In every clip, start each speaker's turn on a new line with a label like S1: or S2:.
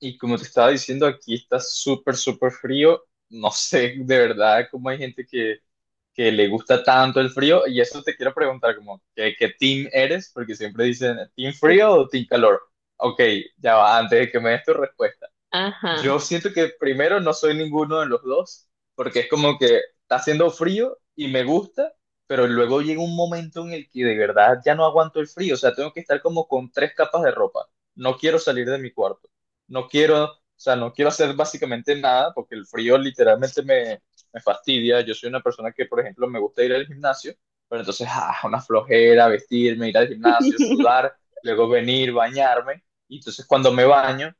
S1: Y como te estaba diciendo, aquí está súper, súper frío. No sé de verdad cómo hay gente que le gusta tanto el frío. Y eso te quiero preguntar, como, ¿qué team eres? Porque siempre dicen, ¿team frío o team calor? Ok, ya va, antes de que me des tu respuesta.
S2: Ajá,
S1: Yo siento que primero no soy ninguno de los dos, porque es como que está haciendo frío y me gusta, pero luego llega un momento en el que de verdad ya no aguanto el frío, o sea, tengo que estar como con tres capas de ropa. No quiero salir de mi cuarto, no quiero, o sea, no quiero hacer básicamente nada, porque el frío literalmente me fastidia. Yo soy una persona que, por ejemplo, me gusta ir al gimnasio, pero entonces, una flojera, vestirme, ir al gimnasio, sudar, luego venir, bañarme, y entonces cuando me baño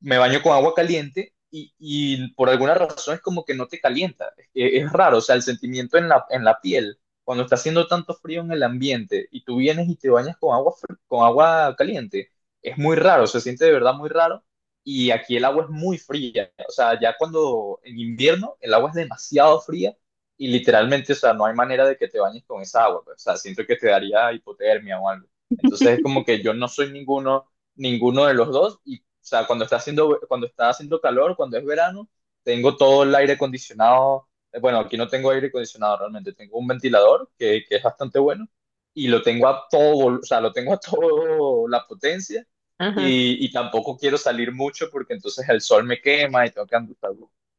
S1: me baño con agua caliente y por alguna razón es como que no te calienta. Es raro, o sea, el sentimiento en la piel, cuando está haciendo tanto frío en el ambiente y tú vienes y te bañas con agua caliente, es muy raro, se siente de verdad muy raro. Y aquí el agua es muy fría, o sea, ya cuando en invierno el agua es demasiado fría y literalmente, o sea, no hay manera de que te bañes con esa agua, pues, o sea, siento que te daría hipotermia o algo. Entonces es como que yo no soy ninguno de los dos. Y, o sea, cuando está haciendo calor, cuando es verano, tengo todo el aire acondicionado. Bueno, aquí no tengo aire acondicionado realmente, tengo un ventilador que es bastante bueno y lo tengo a o sea, lo tengo a todo la potencia
S2: ajá.
S1: y tampoco quiero salir mucho porque entonces el sol me quema y tengo que andar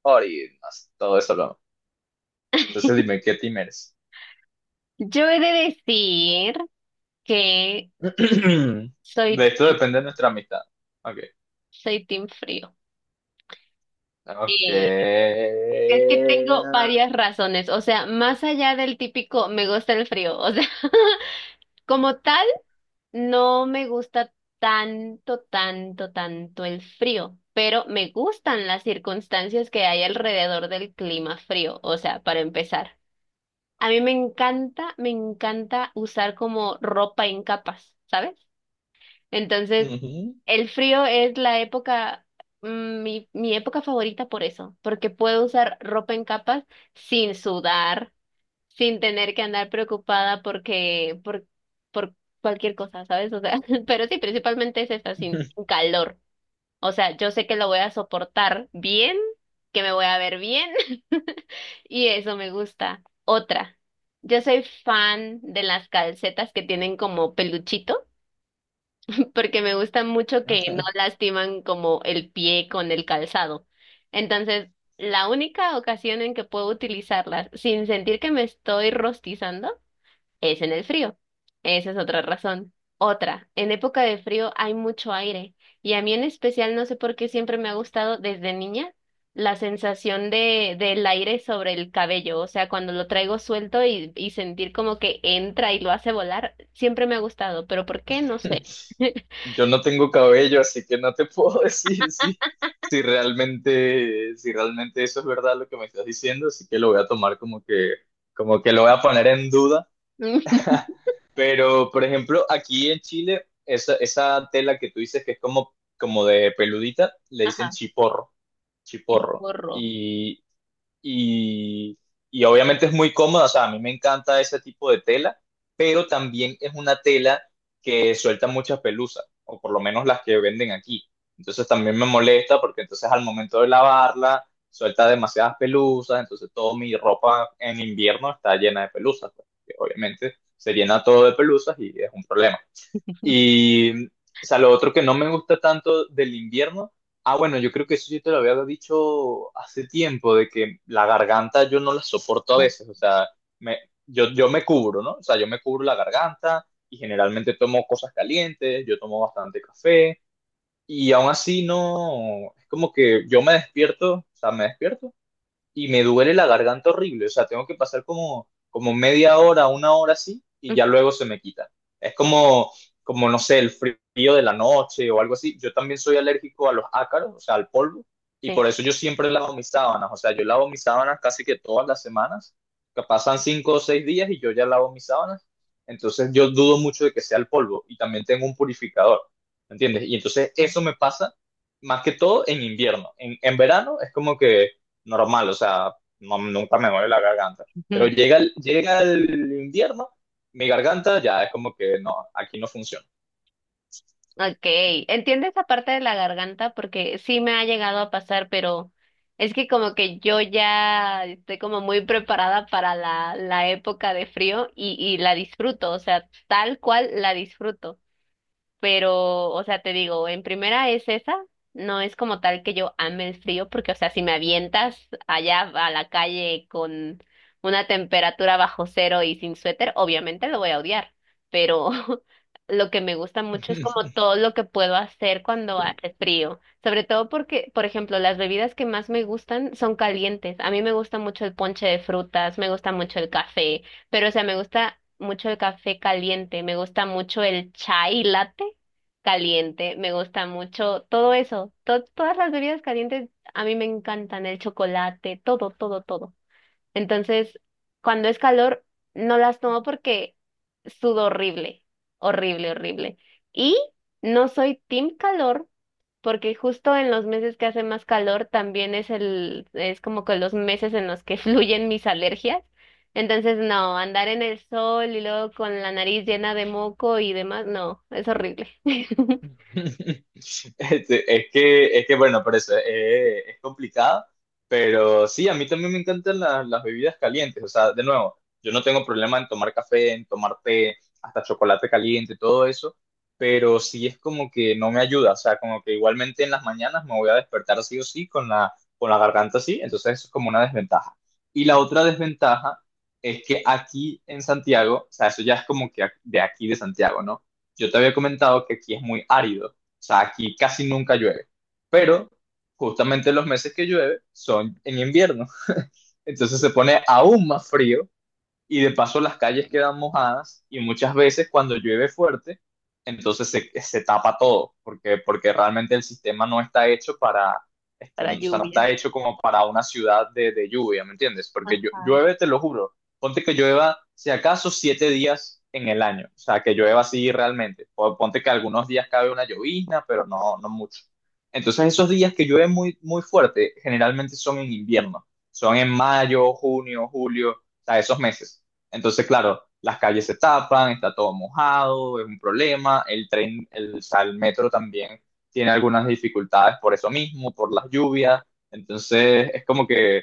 S1: por y más, todo eso. Entonces dime, ¿qué team eres?
S2: Yo he de decir que soy,
S1: De esto
S2: team-
S1: depende nuestra amistad. Ok.
S2: soy team frío.
S1: Ok.
S2: Eh, es que tengo varias razones, o sea, más allá del típico me gusta el frío, o sea, como tal, no me gusta tanto, tanto, tanto el frío, pero me gustan las circunstancias que hay alrededor del clima frío, o sea, para empezar. A mí me encanta usar como ropa en capas, ¿sabes? Entonces,
S1: Ujú.
S2: el frío es la época, mi época favorita por eso, porque puedo usar ropa en capas sin sudar, sin tener que andar preocupada por cualquier cosa, ¿sabes? O sea, pero sí, principalmente es esa, sin calor. O sea, yo sé que lo voy a soportar bien, que me voy a ver bien, y eso me gusta. Otra, yo soy fan de las calcetas que tienen como peluchito porque me gusta mucho que no lastiman como el pie con el calzado. Entonces, la única ocasión en que puedo utilizarlas sin sentir que me estoy rostizando es en el frío. Esa es otra razón. Otra, en época de frío hay mucho aire y a mí en especial no sé por qué siempre me ha gustado desde niña la sensación de del aire sobre el cabello, o sea, cuando lo traigo suelto y sentir como que entra y lo hace volar, siempre me ha gustado, pero ¿por qué? No sé.
S1: Yo no tengo cabello, así que no te puedo decir si realmente eso es verdad lo que me estás diciendo, así que lo voy a tomar como que lo voy a poner en duda. Pero, por ejemplo, aquí en Chile, esa tela que tú dices que es como de peludita, le dicen
S2: Ajá,
S1: chiporro, chiporro.
S2: chiporro.
S1: y, y obviamente es muy cómoda, o sea, a mí me encanta ese tipo de tela, pero también es una tela que suelta muchas pelusas, o por lo menos las que venden aquí. Entonces también me molesta porque entonces al momento de lavarla suelta demasiadas pelusas, entonces toda mi ropa en invierno está llena de pelusas, pues, que obviamente se llena todo de pelusas y es un problema. Y, o sea, lo otro que no me gusta tanto del invierno, bueno, yo creo que eso yo te lo había dicho hace tiempo, de que la garganta yo no la soporto a veces, o sea, me, yo me cubro, ¿no? O sea, yo me cubro la garganta y generalmente tomo cosas calientes, yo tomo bastante café y aún así no, es como que yo me despierto, o sea, me despierto y me duele la garganta horrible. O sea, tengo que pasar como media hora, una hora así, y ya luego se me quita. Es como, no sé, el frío de la noche o algo así. Yo también soy alérgico a los ácaros, o sea, al polvo, y
S2: Sí, sí.
S1: por eso yo siempre lavo mis sábanas. O sea, yo lavo mis sábanas casi que todas las semanas. Que pasan 5 o 6 días y yo ya lavo mis sábanas. Entonces yo dudo mucho de que sea el polvo y también tengo un purificador, ¿me ¿entiendes? Y entonces eso me pasa más que todo en invierno. En verano es como que normal, o sea, nunca me duele la garganta. Pero
S2: Ujú.
S1: llega el invierno, mi garganta ya es como que no, aquí no funciona.
S2: Ok, entiendo esa parte de la garganta porque sí me ha llegado a pasar, pero es que como que yo ya estoy como muy preparada para la, la época de frío y la disfruto, o sea, tal cual la disfruto. Pero, o sea, te digo, en primera es esa, no es como tal que yo ame el frío, porque, o sea, si me avientas allá a la calle con una temperatura bajo cero y sin suéter, obviamente lo voy a odiar, pero lo que me gusta mucho es como todo lo que puedo hacer cuando hace frío, sobre todo porque, por ejemplo, las bebidas que más me gustan son calientes. A mí me gusta mucho el ponche de frutas, me gusta mucho el café. Pero, o sea, me gusta mucho el café caliente, me gusta mucho el chai latte caliente, me gusta mucho todo eso. Todas las bebidas calientes a mí me encantan, el chocolate, todo, todo, todo. Entonces, cuando es calor, no las tomo porque sudo horrible, horrible, horrible. Y no soy team calor porque justo en los meses que hace más calor también es es como que los meses en los que fluyen mis alergias. Entonces, no, andar en el sol y luego con la nariz llena de moco y demás, no, es horrible.
S1: Es que bueno, por eso es complicado, pero sí, a mí también me encantan las bebidas calientes, o sea, de nuevo, yo no tengo problema en tomar café, en tomar té, hasta chocolate caliente, todo eso, pero sí es como que no me ayuda, o sea, como que igualmente en las mañanas me voy a despertar sí o sí con la garganta así, entonces eso es como una desventaja. Y la otra desventaja es que aquí en Santiago, o sea, eso ya es como que de aquí de Santiago, ¿no? Yo te había comentado que aquí es muy árido, o sea, aquí casi nunca llueve, pero justamente los meses que llueve son en invierno, entonces se pone aún más frío y de paso las calles quedan mojadas y muchas veces cuando llueve fuerte, entonces se tapa todo, porque realmente el sistema no está hecho para,
S2: Para
S1: o sea, no
S2: lluvia.
S1: está hecho como para una ciudad de lluvia, ¿me entiendes? Porque
S2: Ajá.
S1: llueve, te lo juro, ponte que llueva si acaso 7 días en el año, o sea, que llueva así realmente, o ponte que algunos días cabe una llovizna, pero no, no mucho. Entonces esos días que llueve muy, muy fuerte, generalmente son en invierno, son en mayo, junio, julio sea, esos meses. Entonces, claro, las calles se tapan, está todo mojado, es un problema, el tren, o sea, el metro también tiene algunas dificultades por eso mismo, por las lluvias, entonces es como que,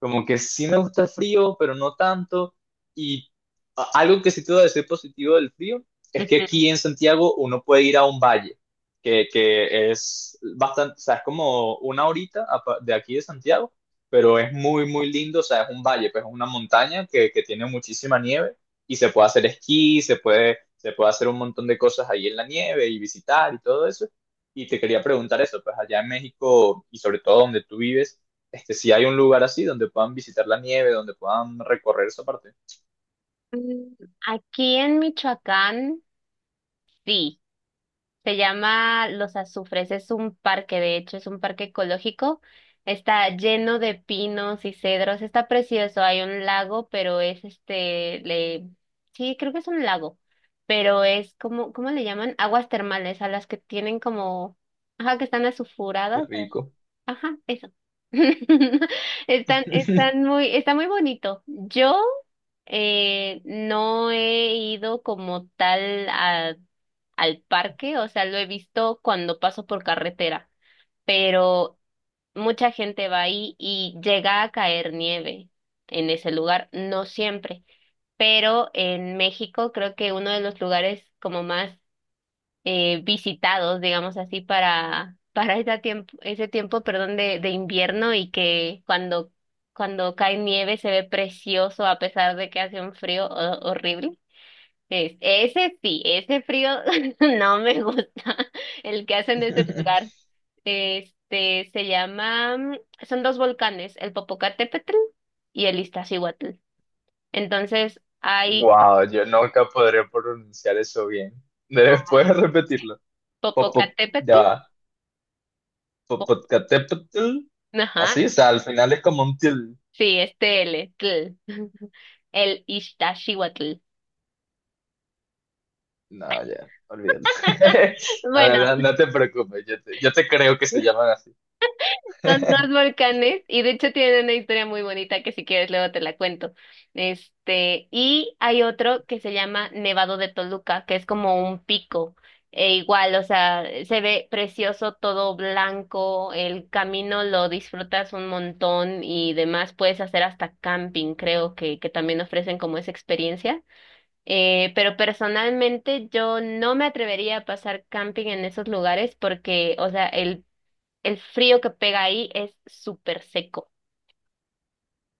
S1: como que sí me gusta el frío, pero no tanto, y algo que sí te voy a decir positivo del frío es que
S2: Ujú.
S1: aquí en Santiago uno puede ir a un valle, que es bastante, o sea, es como una horita de aquí de Santiago, pero es muy, muy lindo, o sea, es un valle, pues es una montaña que tiene muchísima nieve y se puede hacer esquí, se puede hacer un montón de cosas ahí en la nieve y visitar y todo eso. Y te quería preguntar eso, pues allá en México y sobre todo donde tú vives, si hay un lugar así donde puedan visitar la nieve, donde puedan recorrer esa parte.
S2: Mm, aquí en Michoacán, sí. Se llama Los Azufres, es un parque, de hecho, es un parque ecológico. Está lleno de pinos y cedros, está precioso, hay un lago, pero es este, le... sí, creo que es un lago, pero es como, ¿cómo le llaman? Aguas termales, a las que tienen como, ajá, que están
S1: Qué
S2: azufuradas,
S1: rico.
S2: ajá, eso. Están, están muy, está muy bonito. Yo no he ido como tal a al parque, o sea, lo he visto cuando paso por carretera, pero mucha gente va ahí y llega a caer nieve en ese lugar, no siempre, pero en México creo que uno de los lugares como más visitados, digamos así, para, para ese tiempo, perdón, de invierno y que cuando cae nieve se ve precioso a pesar de que hace un frío horrible es, ese sí, ese frío no me gusta, el que hacen de ese lugar. Este se llama, mm, son dos volcanes, el Popocatépetl y el Iztaccíhuatl. Entonces hay
S1: Wow, yo nunca podré pronunciar eso bien. Después repetirlo. Pop, pop, ya
S2: Popocatépetl,
S1: va.
S2: po-
S1: Popocatépetl,
S2: ajá,
S1: así, o sea, al final es como un til...
S2: sí, este L, tl, el Iztaccíhuatl.
S1: No, ya, olvídalo. No, no,
S2: Bueno.
S1: no, no te preocupes, yo te, creo que se llaman así.
S2: Son dos volcanes y de hecho tienen una historia muy bonita que si quieres luego te la cuento. Este, y hay otro que se llama Nevado de Toluca, que es como un pico. E igual, o sea, se ve precioso, todo blanco, el camino lo disfrutas un montón y demás, puedes hacer hasta camping, creo que también ofrecen como esa experiencia. Pero personalmente yo no me atrevería a pasar camping en esos lugares porque, o sea, el frío que pega ahí es súper seco.